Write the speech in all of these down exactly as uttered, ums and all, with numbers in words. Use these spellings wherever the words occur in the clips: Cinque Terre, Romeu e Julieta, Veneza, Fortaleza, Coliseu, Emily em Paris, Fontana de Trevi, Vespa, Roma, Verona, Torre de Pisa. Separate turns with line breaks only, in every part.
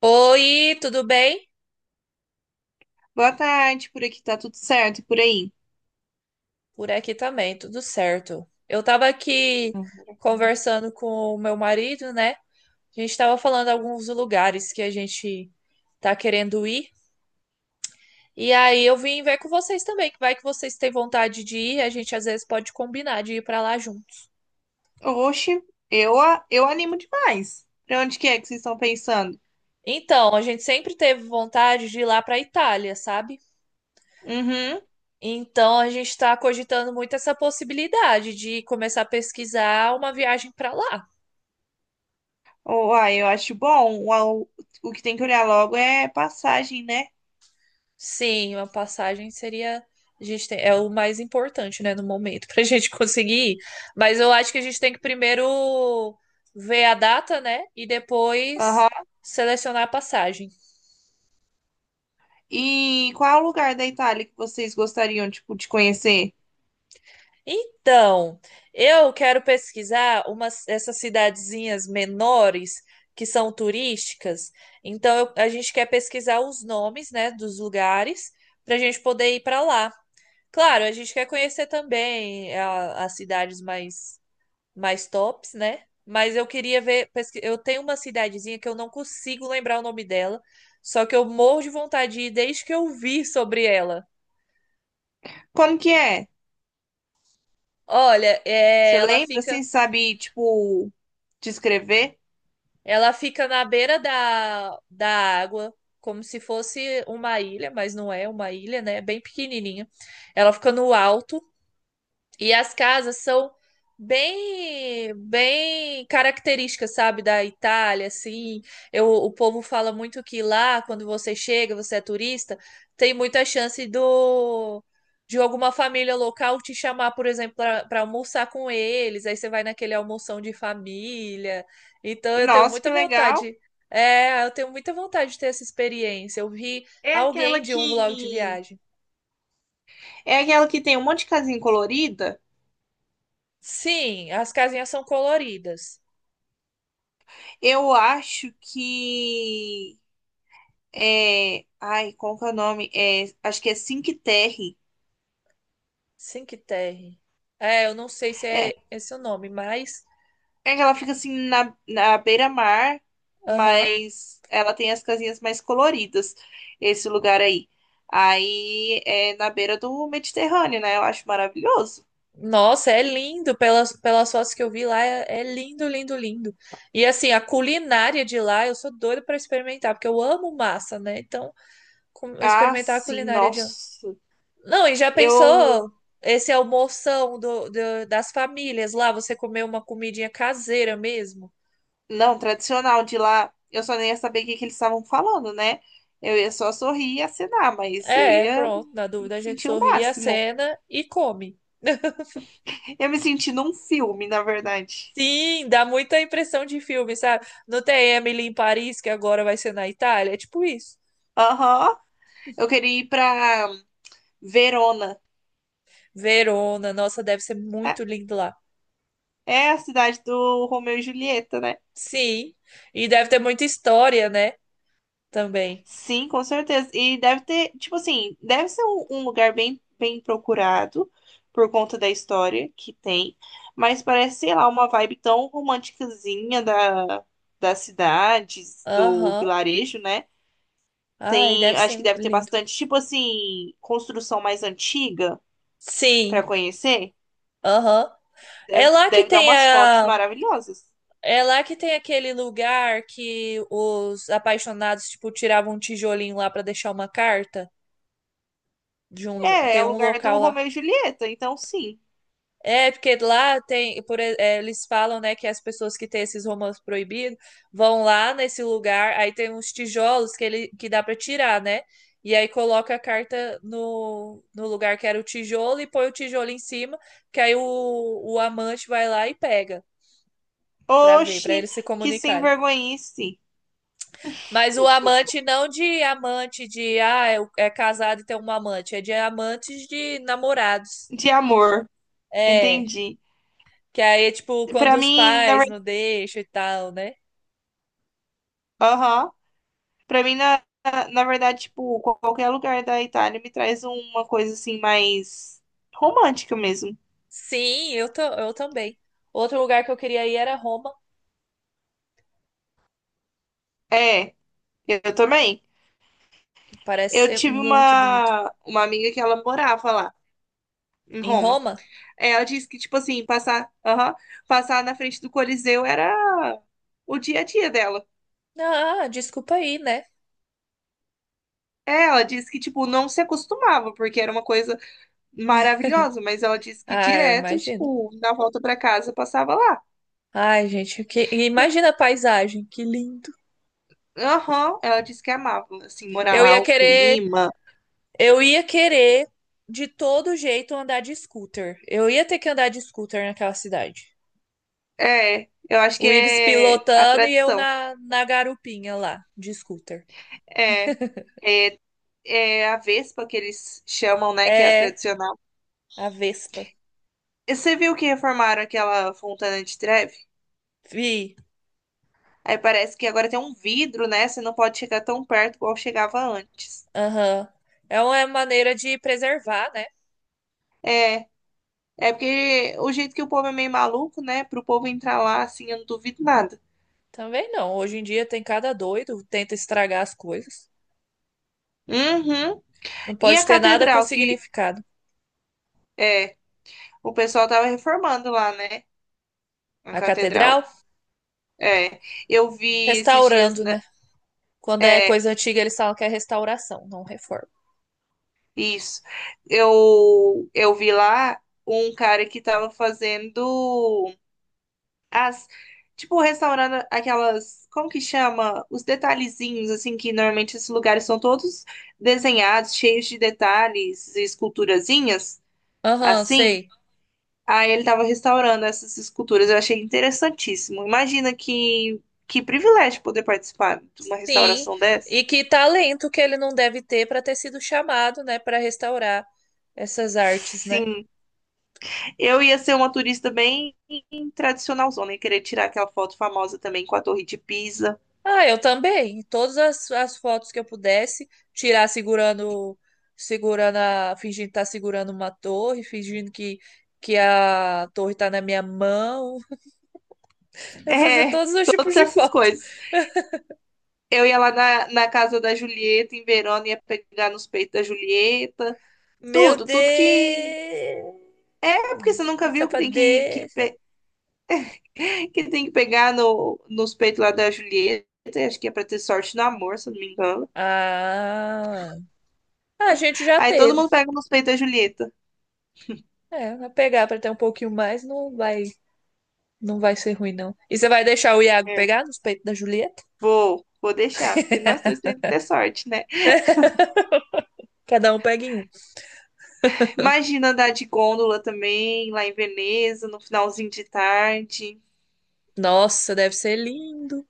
Oi, tudo bem?
Boa tarde, por aqui tá tudo certo, e por aí?
Por aqui também, tudo certo. Eu tava aqui
Hum.
conversando com o meu marido, né? A gente tava falando alguns lugares que a gente tá querendo ir. E aí eu vim ver com vocês também, que vai que vocês têm vontade de ir, a gente às vezes pode combinar de ir pra lá juntos.
Oxe, eu, a- eu animo demais. Pra onde que é que vocês estão pensando?
Então, a gente sempre teve vontade de ir lá pra Itália, sabe?
Uhum.
Então, a gente tá cogitando muito essa possibilidade de começar a pesquisar uma viagem pra lá.
Uai, eu acho bom. O, o que tem que olhar logo é passagem, né?
Sim, uma passagem seria. A gente tem- é o mais importante, né, no momento, para a gente conseguir ir. Mas eu acho que a gente tem que primeiro ver a data, né, e depois
Aham.
selecionar a passagem.
E qual é lugar da Itália que vocês gostariam, tipo, de conhecer?
Então, eu quero pesquisar umas, essas cidadezinhas menores que são turísticas. Então, eu- a gente quer pesquisar os nomes, né, dos lugares para a gente poder ir para lá. Claro, a gente quer conhecer também a- as cidades mais mais tops, né? Mas eu queria ver. pesqui- Eu tenho uma cidadezinha que eu não consigo lembrar o nome dela, só que eu morro de vontade de ir desde que eu vi sobre ela.
Como que é?
Olha, é,
Você
ela
lembra?
fica,
Assim, sabe, tipo, descrever?
ela fica na beira da, da água, como se fosse uma ilha, mas não é uma ilha, né? É bem pequenininha. Ela fica no alto. E as casas são bem, bem características, sabe, da Itália, assim. Eu, o povo fala muito que lá, quando você chega, você é turista, tem muita chance do de alguma família local te chamar, por exemplo, para almoçar com eles. Aí você vai naquele almoção de família. Então eu tenho
Nossa,
muita
que legal.
vontade. É, eu tenho muita vontade de ter essa experiência. Eu vi
É aquela
alguém de um vlog de
que...
viagem.
É aquela que tem um monte de casinha colorida?
Sim, as casinhas são coloridas.
Eu acho que é, ai, como que é o nome? É, acho que é Cinque Terre.
Cinque Terre. É, eu não sei se
É,
é esse o nome, mas.
é que ela fica assim na, na beira-mar,
Aham.
mas ela tem as casinhas mais coloridas, esse lugar aí. Aí é na beira do Mediterrâneo, né? Eu acho maravilhoso.
Nossa, é lindo. Pelas, pelas fotos que eu vi lá, é, é lindo, lindo, lindo. E assim, a culinária de lá, eu sou doida pra experimentar, porque eu amo massa, né? Então, com-
Ah,
experimentar a
sim,
culinária de lá.
nossa.
Não, e já
Eu
pensou esse almoção do, do- das famílias lá? Você comer uma comidinha caseira mesmo?
não, tradicional de lá, eu só nem ia saber o que que eles estavam falando, né? Eu ia só sorrir e acenar, mas eu
É,
ia
pronto. Na dúvida,
me
a gente
sentir o
sorri a
máximo.
cena e come.
Eu me senti num filme, na verdade.
Sim, dá muita impressão de filme, sabe? Não tem Emily em Paris, que agora vai ser na Itália? É tipo isso.
Aham. Eu queria ir pra Verona.
Verona, nossa, deve ser muito
É,
lindo lá.
é a cidade do Romeu e Julieta, né?
Sim, e deve ter muita história, né? Também.
Sim, com certeza. E deve ter, tipo assim, deve ser um, um lugar bem, bem procurado por conta da história que tem, mas parece, sei lá, uma vibe tão romanticazinha da, das cidades, do
Aham.
vilarejo, né?
Ai,
Tem,
deve
acho
ser
que deve ter
lindo.
bastante, tipo assim, construção mais antiga para
Sim,
conhecer.
aham. É
Deve,
lá que
deve dar
tem
umas fotos
a.
maravilhosas.
É lá que tem aquele lugar que os apaixonados, tipo, tiravam um tijolinho lá pra deixar uma carta de um... lo-
É, é
Tem
o
um
lugar do
local lá.
Romeu e Julieta, então sim.
É, porque lá tem, por e- é, eles falam, né, que as pessoas que têm esses romances proibidos vão lá nesse lugar, aí tem uns tijolos que ele que dá pra tirar, né? E aí coloca a carta no, no lugar que era o tijolo e põe o tijolo em cima, que aí o, o amante vai lá e pega pra ver, pra
Oxi,
eles se
que sem
comunicarem.
vergonhice
Mas o amante não de amante de, ah, é, o- é casado e tem um amante, é de amantes de namorados.
de amor.
É.
Entendi.
Que aí é tipo quando
Pra
os
mim, na
pais não
verdade,
deixam e tal, né?
aham. Pra mim, na, na na verdade, tipo, qualquer lugar da Itália me traz uma coisa assim mais romântica mesmo.
Sim, eu, ta- eu também. Outro lugar que eu queria ir era Roma,
É, eu também.
que parece
Eu
ser
tive
muito bonito.
uma uma amiga que ela morava lá em
Em
Roma.
Roma?
É, ela disse que tipo assim, passar, aham, passar na frente do Coliseu era o dia a dia dela.
Ah, desculpa aí, né?
É, ela disse que, tipo, não se acostumava, porque era uma coisa maravilhosa, mas ela disse que
Ah, eu
direto,
imagino.
tipo, na volta pra casa passava lá.
Ai, gente, que imagina a paisagem, que lindo.
Aham, ela disse que amava, assim, morar
Eu
lá,
ia
o
querer,
clima.
eu ia querer de todo jeito andar de scooter. Eu ia ter que andar de scooter naquela cidade.
É, eu acho que
O Ives
é a
pilotando e eu
tradição.
na, na garupinha lá, de scooter.
É, é, É a Vespa que eles chamam, né, que é a
É,
tradicional.
a Vespa.
E você viu que reformaram aquela Fontana de Trevi?
Vi.
Aí parece que agora tem um vidro, né? Você não pode chegar tão perto igual chegava antes.
Aham. É uma maneira de preservar, né?
É, é porque o jeito que o povo é meio maluco, né? Pro povo entrar lá, assim, eu não duvido nada.
Também não. Hoje em dia tem cada doido, tenta estragar as coisas.
Uhum.
Não
E a
pode ter nada com
catedral que
significado.
é, o pessoal tava reformando lá, né? A
A
catedral.
catedral,
É, eu vi esses dias,
restaurando,
né?
né? Quando é
É,
coisa antiga, eles falam que é restauração, não reforma.
isso. Eu, eu vi lá um cara que tava fazendo as, tipo, restaurando aquelas, como que chama? Os detalhezinhos, assim, que normalmente esses lugares são todos desenhados, cheios de detalhes e esculturazinhas,
Aham,
assim.
sei.
Aí ele tava restaurando essas esculturas. Eu achei interessantíssimo. Imagina que, que privilégio poder participar de uma
Sim.
restauração dessa.
E que talento que ele não deve ter para ter sido chamado, né, para restaurar essas artes, né?
Sim. Eu ia ser uma turista bem tradicionalzona e querer tirar aquela foto famosa também com a Torre de Pisa.
Ah, eu também. Todas as, as fotos que eu pudesse tirar segurando, segurando a, fingindo estar segurando uma torre, fingindo que, que a torre tá na minha mão. Eu fazer
É,
todos os tipos
todas
de
essas
foto.
coisas. Eu ia lá na, na casa da Julieta, em Verona, ia pegar nos peitos da Julieta.
Meu
Tudo, tudo que. É porque você
Deus, que
nunca viu que tem que, que,
safadeza.
pe- que tem que pegar no, nos peitos lá da Julieta. Acho que é pra ter sorte no amor, se eu não me engano.
Ah, a gente já
Aí todo
teve.
mundo pega nos peitos da Julieta.
É, vai pegar para ter um pouquinho mais, não vai, não vai ser ruim, não. E você vai deixar o Iago
É.
pegar nos peitos da Julieta?
Vou, vou deixar, porque nós dois temos que ter sorte, né?
Cada um pega em um.
Imagina andar de gôndola também, lá em Veneza, no finalzinho de tarde.
Nossa, deve ser lindo,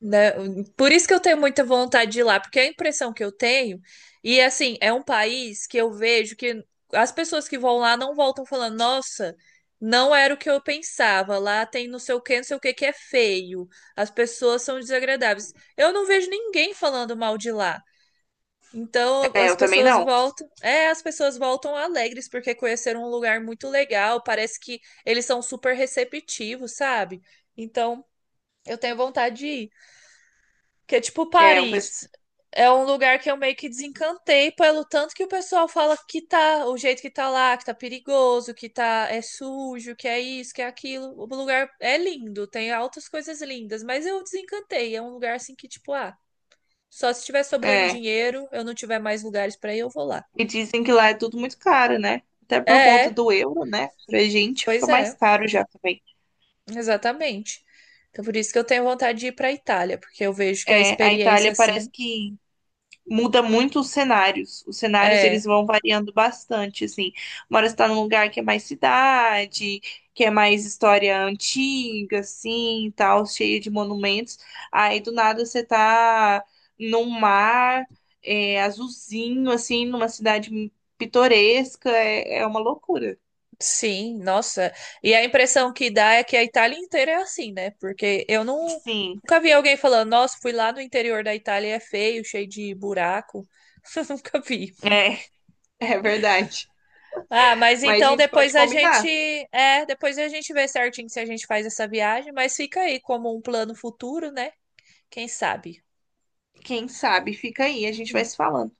né? Por isso que eu tenho muita vontade de ir lá, porque é a impressão que eu tenho, e assim, é um país que eu vejo que as pessoas que vão lá não voltam falando, nossa, não era o que eu pensava, lá tem não sei o que, não sei o que que é feio, as pessoas são desagradáveis. Eu não vejo ninguém falando mal de lá. Então
É,
as
eu também
pessoas
não.
voltam, é, as pessoas voltam alegres porque conheceram um lugar muito legal, parece que eles são super receptivos, sabe? Então eu tenho vontade de ir. Porque, tipo,
É, um, pes-
Paris é um lugar que eu meio que desencantei pelo tanto que o pessoal fala que tá, o jeito que tá lá, que tá perigoso, que tá, é sujo, que é isso, que é aquilo. O lugar é lindo, tem altas coisas lindas, mas eu desencantei. É um lugar assim que, tipo, ah, só se tiver sobrando
É.
dinheiro, eu não tiver mais lugares pra ir, eu vou lá.
E dizem que lá é tudo muito caro, né? Até
É,
por conta
é,
do euro, né? Pra gente fica
pois
mais
é,
caro já também.
exatamente. Então, por isso que eu tenho vontade de ir pra Itália, porque eu vejo que a
É, a
experiência,
Itália parece
assim,
que muda muito os cenários. Os cenários eles
é.
vão variando bastante, assim. Uma hora você tá num lugar que é mais cidade, que é mais história antiga, assim, e tal, cheia de monumentos. Aí do nada você tá num mar é, azulzinho, assim, numa cidade pitoresca. É, é uma loucura.
Sim, nossa. E a impressão que dá é que a Itália inteira é assim, né? Porque eu não,
Sim,
nunca vi alguém falando, nossa, fui lá no interior da Itália e é feio, cheio de buraco. Nunca vi.
é, é verdade.
Ah, mas
Mas a
então
gente
depois
pode
a gente,
combinar.
é, depois a gente vê certinho se a gente faz essa viagem, mas fica aí como um plano futuro, né? Quem sabe?
Quem sabe? Fica aí, a gente vai se falando.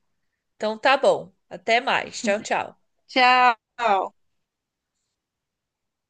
Então tá bom. Até mais. Tchau, tchau.
Tchau!